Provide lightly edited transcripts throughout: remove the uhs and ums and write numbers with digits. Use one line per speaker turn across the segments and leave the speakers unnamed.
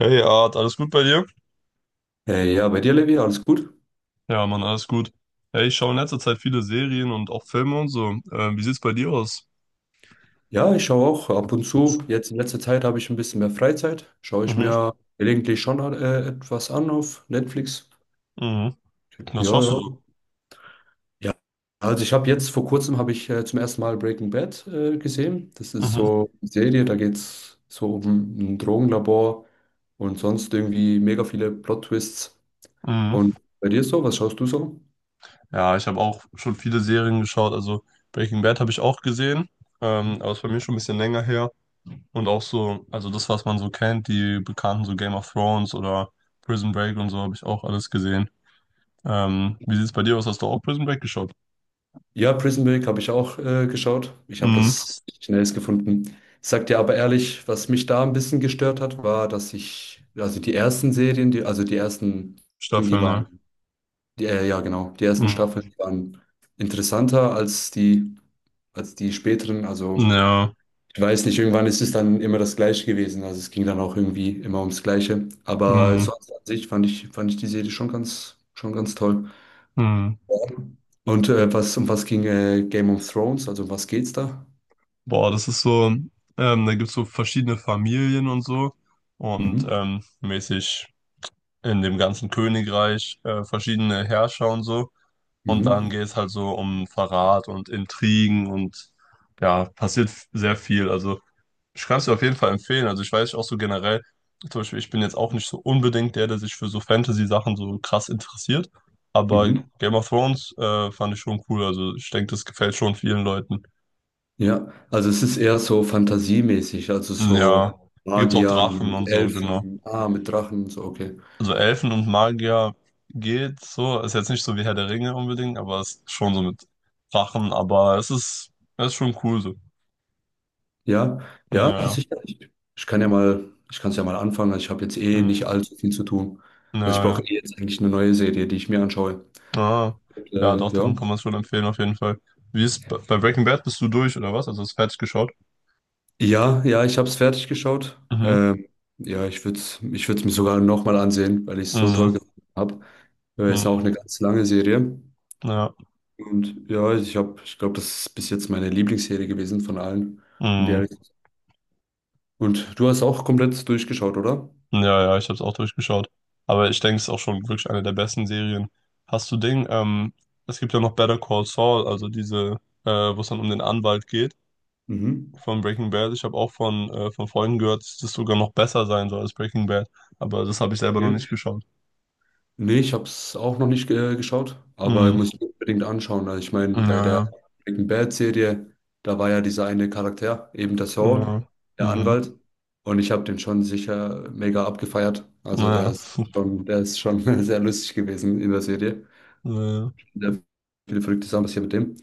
Hey Art, alles gut bei dir?
Hey, ja, bei dir, Levi, alles gut?
Ja, Mann, alles gut. Ja, ich schaue in letzter Zeit viele Serien und auch Filme und so. Wie sieht's bei dir aus?
Ja, ich schaue auch ab und zu. Jetzt in letzter Zeit habe ich ein bisschen mehr Freizeit. Schaue ich
Mhm,
mir gelegentlich schon etwas an auf Netflix.
mhm. Was
Ja,
schaust du
ja.
so?
Ja. Also ich habe jetzt vor kurzem habe ich zum ersten Mal Breaking Bad gesehen. Das ist
Mhm,
so eine Serie, da geht es so um ein Drogenlabor und sonst irgendwie mega viele Plot-Twists.
mhm.
Und bei dir so, was schaust du so?
Ja, ich habe auch schon viele Serien geschaut. Also Breaking Bad habe ich auch gesehen, aber ist bei mir schon ein bisschen länger her. Und auch so, also das, was man so kennt, die bekannten so Game of Thrones oder Prison Break und so, habe ich auch alles gesehen. Wie sieht's bei dir aus? Hast du auch Prison Break geschaut?
Ja, Prison Break habe ich auch geschaut. Ich habe
Mhm.
das schnellst gefunden. Ich sag dir aber ehrlich, was mich da ein bisschen gestört hat, war, dass ich, also die ersten Serien, die, also die ersten, die
Staffeln, ne?
waren, die, ja genau, die ersten
Mhm.
Staffeln die waren interessanter als die späteren. Also
Ja.
ich weiß nicht, irgendwann ist es dann immer das Gleiche gewesen. Also es ging dann auch irgendwie immer ums Gleiche. Aber
Mhm.
sonst an sich fand ich die Serie schon ganz toll.
Mhm.
Und was, um was ging Game of Thrones? Also um was geht's da?
Boah, das ist so, da gibt's so verschiedene Familien und so und
Mhm.
mäßig in dem ganzen Königreich verschiedene Herrscher und so. Und dann
Mhm.
geht's halt so um Verrat und Intrigen und ja, passiert sehr viel. Also ich kann es dir auf jeden Fall empfehlen. Also ich weiß auch so generell, zum Beispiel, ich bin jetzt auch nicht so unbedingt der, der sich für so Fantasy-Sachen so krass interessiert. Aber
Mhm.
Game of Thrones fand ich schon cool. Also ich denke, das gefällt schon vielen Leuten.
Ja, also es ist eher so fantasiemäßig, also so
Ja, gibt's auch
Magiern
Drachen und
und
so, genau.
Elfen, ah, mit Drachen, und so, okay.
Also Elfen und Magier geht so, ist jetzt nicht so wie Herr der Ringe unbedingt, aber es ist schon so mit Drachen, aber es ist schon cool so.
Ja, ja,
Ja.
sicher. Ich kann ja mal, ich kann es ja mal anfangen. Also ich habe jetzt eh
Naja,
nicht
ja.
allzu viel zu tun. Also ich brauche
Naja,
eh jetzt eigentlich eine neue Serie, die ich mir anschaue.
ah, ja, doch,
Ja.
dann kann man es schon empfehlen auf jeden Fall. Bei Breaking Bad bist du durch oder was? Also hast du fertig geschaut?
Ja, ja, ich habe es fertig geschaut.
Mhm,
Ja, ich würde es ich würd's mir sogar nochmal ansehen, weil ich es so toll
mhm,
gefunden habe. Ja, ist auch eine
mhm,
ganz lange Serie.
ja,
Und ja, ich habe, ich glaube, das ist bis jetzt meine Lieblingsserie gewesen von allen. und die
mhm.
Und du hast auch komplett durchgeschaut, oder?
Ja, ja, ich habe es auch durchgeschaut. Aber ich denke, es ist auch schon wirklich eine der besten Serien. Hast du Ding? Es gibt ja noch Better Call Saul, also äh, wo es dann um den Anwalt geht
Mhm.
von Breaking Bad. Ich habe auch von Freunden gehört, dass das sogar noch besser sein soll als Breaking Bad. Aber das habe ich selber
Ja.
noch nicht geschaut.
Nee, ich habe es auch noch nicht geschaut, aber ich
Mhm.
muss mir unbedingt anschauen. Also ich meine,
Ja,
bei der
ja,
Breaking Bad-Serie, da war ja dieser eine Charakter, eben der Saul,
genau.
der
Mhm.
Anwalt. Und ich habe den schon sicher mega abgefeiert. Also der
Naja.
ist schon, der ist schon sehr lustig gewesen in der Serie.
Naja.
Sehr viele verrückte Sachen passiert mit dem.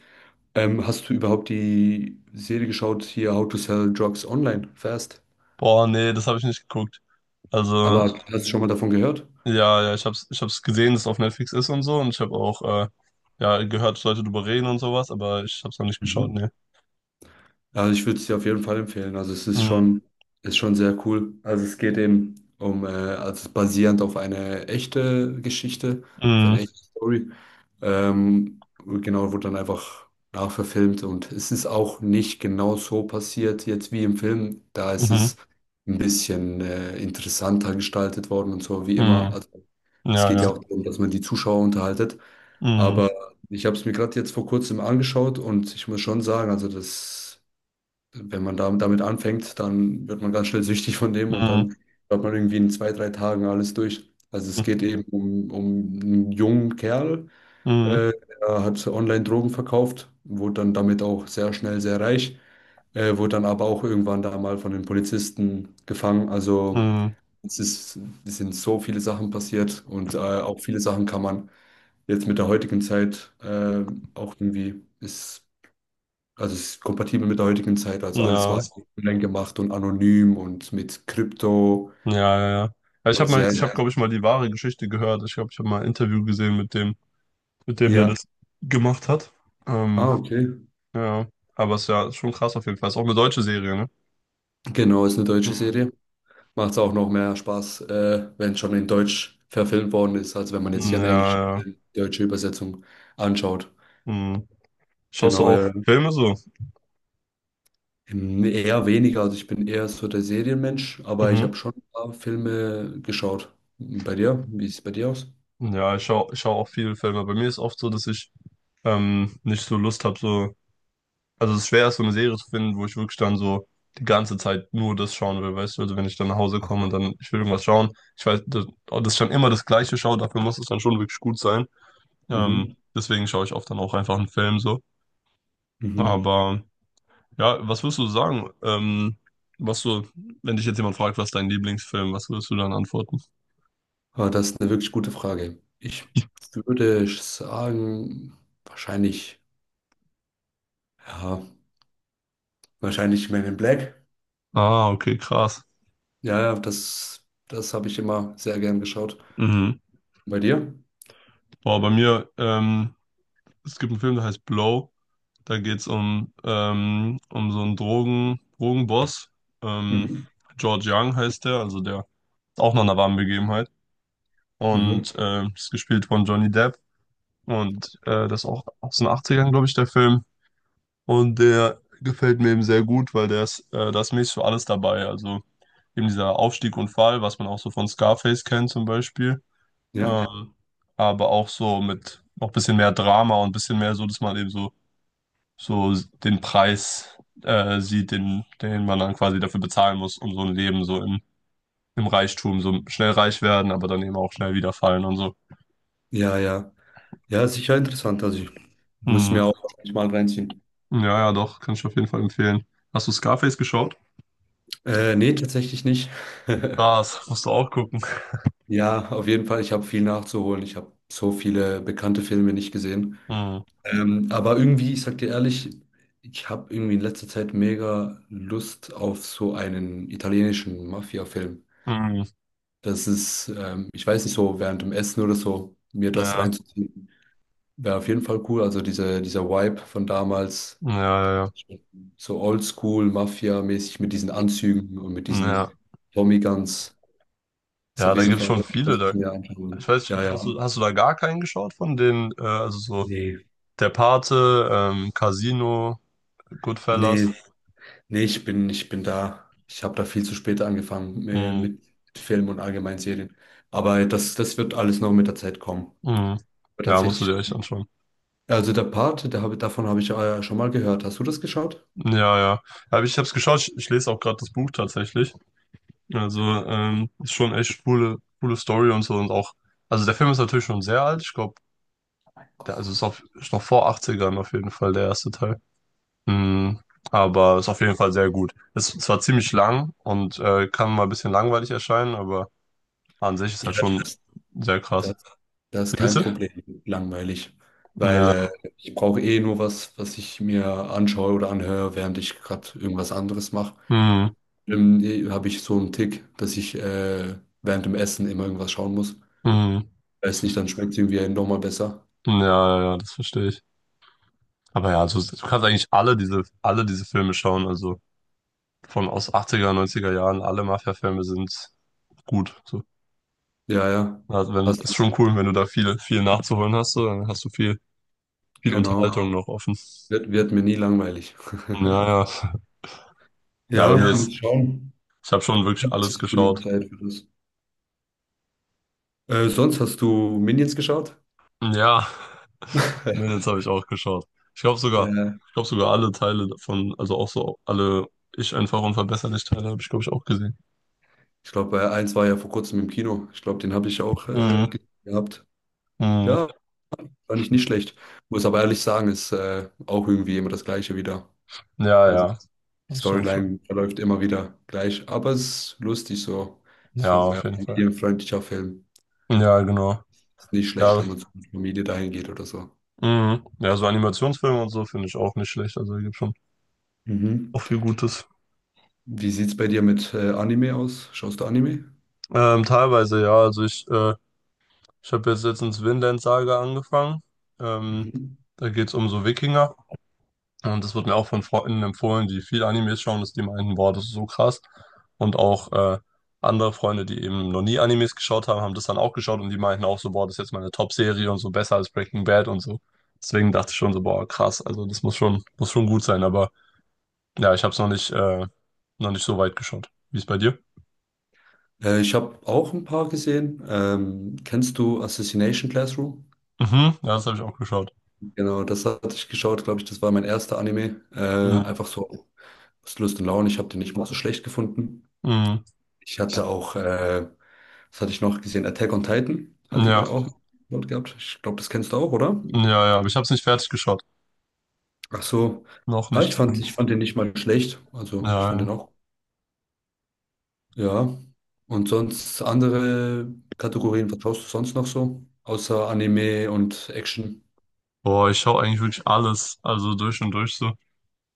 Hast du überhaupt die Serie geschaut, hier How to Sell Drugs Online Fast?
Boah, nee, das habe ich nicht geguckt. Also,
Aber hast du schon mal davon gehört?
ja, ja, ich hab's gesehen, dass es auf Netflix ist und so und ich habe auch ja, gehört, Leute drüber reden und sowas, aber ich hab's noch nicht geschaut,
Mhm.
ne.
Ja, also ich würde es dir auf jeden Fall empfehlen. Also
Mm,
ist schon sehr cool. Also es geht eben um, also basierend auf eine echte Geschichte, auf
mm,
eine echte Story. Genau, wurde dann einfach nachverfilmt und es ist auch nicht genau so passiert jetzt wie im Film. Da ist
mhm,
es ein bisschen interessanter gestaltet worden und so wie immer.
mm,
Also es
ja,
geht
ja.
ja auch darum, dass man die Zuschauer unterhaltet.
Mm,
Aber ich habe es mir gerade jetzt vor kurzem angeschaut und ich muss schon sagen, also das wenn man da, damit anfängt, dann wird man ganz schnell süchtig von dem und
mm,
dann hat man irgendwie in zwei, drei Tagen alles durch. Also es geht eben um einen jungen Kerl,
mm,
äh, der hat online Drogen verkauft, wurde dann damit auch sehr schnell sehr reich, wurde dann aber auch irgendwann da mal von den Polizisten gefangen. Also
mm,
es ist, es sind so viele Sachen passiert und auch viele Sachen kann man jetzt mit der heutigen Zeit auch irgendwie ist also es ist kompatibel mit der heutigen Zeit, also alles
ja,
war ja online gemacht und anonym und mit Krypto
ja, ja, ja.
und sehr,
Ich habe, glaube ich, mal die wahre Geschichte gehört. Ich glaube, ich habe mal ein Interview gesehen mit dem, der
ja.
das gemacht hat.
Ah,
Ähm,
okay.
ja, aber es ist ja schon krass auf jeden Fall. Ist auch eine deutsche Serie, ne?
Genau, ist eine deutsche
Mhm.
Serie. Macht es auch noch mehr Spaß, wenn es schon in Deutsch verfilmt worden ist, als wenn man
Ja,
jetzt hier eine englische,
ja.
deutsche Übersetzung anschaut.
Mhm. Schaust du
Genau,
auch
ja.
Filme so?
Eher weniger, also ich bin eher so der Serienmensch, aber ich
Mhm.
habe schon ein paar Filme geschaut. Bei dir? Wie sieht es bei dir aus?
Ja, ich schau auch viele Filme. Bei mir ist oft so, dass ich nicht so Lust habe, so. Also es ist schwer, so eine Serie zu finden, wo ich wirklich dann so die ganze Zeit nur das schauen will, weißt du? Also wenn ich dann nach Hause komme und
Aha.
dann, ich will irgendwas schauen, ich weiß, dass ich dann immer das Gleiche schaue, dafür muss es dann schon wirklich gut sein.
Mhm.
Deswegen schaue ich oft dann auch einfach einen Film so.
Mhm.
Aber ja, was würdest du sagen? Was du, wenn dich jetzt jemand fragt, was ist dein Lieblingsfilm, was würdest du dann antworten?
Ah, das ist eine wirklich gute Frage. Ich würde sagen, wahrscheinlich, ja, wahrscheinlich Men in Black.
Ah, okay, krass.
Ja, ja, das habe ich immer sehr gern geschaut.
Mhm.
Bei dir?
Boah, bei mir, es gibt einen Film, der heißt Blow. Da geht es um, um so einen Drogenboss. Ähm,
Mhm.
George Young heißt der, also der ist auch noch eine warme Begebenheit.
Mhm.
Und ist gespielt von Johnny Depp. Und das ist auch aus den 80ern, glaube ich, der Film. Und der gefällt mir eben sehr gut, weil der da ist mäßig für alles dabei. Also eben dieser Aufstieg und Fall, was man auch so von Scarface kennt zum Beispiel.
Ja,
Ähm, aber auch so mit noch ein bisschen mehr Drama und ein bisschen mehr so, dass man eben so den Preis sieht, den man dann quasi dafür bezahlen muss, um so ein Leben so im Reichtum, so schnell reich werden, aber dann eben auch schnell wieder fallen und so.
ja, ja. Ja, ist sicher interessant. Also ich muss
Hm.
mir auch wahrscheinlich mal reinziehen.
Ja, ja, doch, kann ich auf jeden Fall empfehlen. Hast du Scarface geschaut?
Nee, tatsächlich nicht.
Krass, musst du auch gucken.
Ja, auf jeden Fall, ich habe viel nachzuholen. Ich habe so viele bekannte Filme nicht gesehen.
Hm.
Aber irgendwie, ich sag dir ehrlich, ich habe irgendwie in letzter Zeit mega Lust auf so einen italienischen Mafia-Film.
Hm.
Das ist, ich weiß nicht, so während dem Essen oder so, mir das
Ja,
reinzuziehen, wäre auf jeden Fall cool. Also diese, dieser Vibe von damals,
ja, ja, ja.
so oldschool, Mafia-mäßig mit diesen Anzügen und mit
Ja,
diesen Tommy Guns, ist
ja,
auf
da
jeden
gibt's
Fall,
schon
was
viele. Da.
ich mir
Ich
anschauen.
weiß, nicht,
Ja, ja.
hast du da gar keinen geschaut von den, also so
Nee.
der Pate, Casino, Goodfellas?
Nee, nee, ich bin da. Ich habe da viel zu spät angefangen
Hm.
mit Filmen und allgemein Serien. Aber das wird alles noch mit der Zeit kommen.
Hm.
Aber
Ja, musst du
tatsächlich.
dir echt anschauen.
Also der Part, davon habe ich schon mal gehört. Hast du das geschaut?
Ja, ja. Ja, aber ich habe es geschaut, ich lese auch gerade das Buch tatsächlich. Also,
Der Part,
ist schon echt coole Story und so und auch. Also der Film ist natürlich schon sehr alt. Ich glaube,
mein Gott.
der also ist, auf, ist noch vor Achtzigern auf jeden Fall der erste Teil. Mhm. Aber ist auf jeden Fall sehr gut. Ist zwar ziemlich lang und kann mal ein bisschen langweilig erscheinen, aber an sich ist
Ja,
halt schon sehr krass.
das, das ist
Wie
kein
bitte?
Problem. Langweilig. Weil
Ja.
ich brauche eh nur was, was ich mir anschaue oder anhöre, während ich gerade irgendwas anderes mache.
Mhm.
Eh, habe ich so einen Tick, dass ich während dem Essen immer irgendwas schauen muss.
Mhm.
Weiß nicht, dann schmeckt es irgendwie einem nochmal besser.
Ja, ja, ja, das verstehe ich. Aber ja, also, du kannst eigentlich alle diese Filme schauen. Also von aus achtziger neunziger Jahren, alle Mafia-Filme sind gut. So.
Ja, ja.
Also wenn,
Hast
ist
du,
schon cool, wenn du da viel, viel nachzuholen hast, so, dann hast du viel, viel
genau.
Unterhaltung Ja. noch offen.
Wird mir nie langweilig.
Ja, ja. Ja, bei
Ja,
mir Ja. ist,
muss schauen.
ich habe schon
Ich
wirklich
habe
alles
jetzt genug
geschaut.
Zeit für das. Sonst hast du Minions geschaut?
Ja, Mädels habe ich auch geschaut. Ich glaube sogar,
Ja,
ich glaube sogar alle Teile davon, also auch so alle Ich einfach unverbesserlich Teile habe ich, glaube ich, auch gesehen.
ich glaube, eins war ja vor kurzem im Kino. Ich glaube, den habe ich auch
Mhm.
gehabt.
Mhm.
Ja, fand ich nicht schlecht. Muss aber ehrlich sagen, ist auch irgendwie immer das Gleiche wieder.
Ja,
Also
ja,
die
das stimmt schon.
Storyline verläuft immer wieder gleich, aber es ist lustig so.
Ja,
So
auf
mehr
jeden Fall.
familienfreundlicher Film.
Ja, genau.
Ist nicht schlecht,
Ja,
wenn man zur Familie dahin geht oder so.
mhm. Ja, so Animationsfilme und so finde ich auch nicht schlecht. Also, da gibt schon
Mhm.
auch viel Gutes.
Wie sieht es bei dir mit Anime aus? Schaust du Anime?
Teilweise, ja. Ich habe jetzt letztens Vinland Saga angefangen. Ähm,
Mhm.
da geht's um so Wikinger. Und das wird mir auch von Freunden empfohlen, die viel Animes schauen, dass die meinen, boah, das ist so krass. Und auch andere Freunde, die eben noch nie Animes geschaut haben, haben das dann auch geschaut und die meinten auch so, boah, das ist jetzt meine Top-Serie und so besser als Breaking Bad und so. Deswegen dachte ich schon so, boah, krass. Also, muss schon gut sein. Aber. Ja, ich habe es noch nicht, noch nicht so weit geschaut. Wie ist bei dir?
Ich habe auch ein paar gesehen. Kennst du Assassination Classroom?
Mhm, ja, das habe ich auch geschaut.
Genau, das hatte ich geschaut, glaube ich. Das war mein erster Anime.
Mhm.
Einfach so aus Lust und Laune. Ich habe den nicht mal so schlecht gefunden.
Mhm.
Ich hatte auch, was hatte ich noch gesehen? Attack on Titan hatte
Ja,
ich auch dort gehabt. Ich glaube, das kennst du auch, oder?
ja, ja, aber ich habe es nicht fertig geschaut.
Ach so.
Noch
Ja,
nicht
ich
zumindest.
fand den nicht mal schlecht.
Ja,
Also, ich fand
ja.
den auch. Ja. Und sonst andere Kategorien vertraust du sonst noch so? Außer Anime und Action?
Boah, ich schaue eigentlich wirklich alles, also durch und durch so.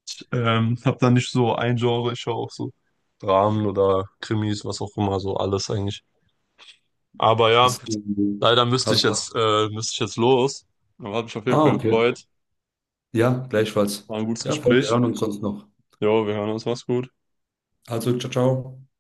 Ich, habe da nicht so ein Genre, ich schaue auch so Dramen oder Krimis, was auch immer, so alles eigentlich. Aber ja,
Hast du,
leider müsste
hast,
ich jetzt, müsste ich jetzt los. Aber hat mich auf jeden
ah,
Fall
okay.
gefreut.
Ja, gleichfalls.
War ein gutes
Ja, wir
Gespräch.
hören uns sonst noch.
Jo, wir hören uns, mach's gut.
Also, ciao, ciao.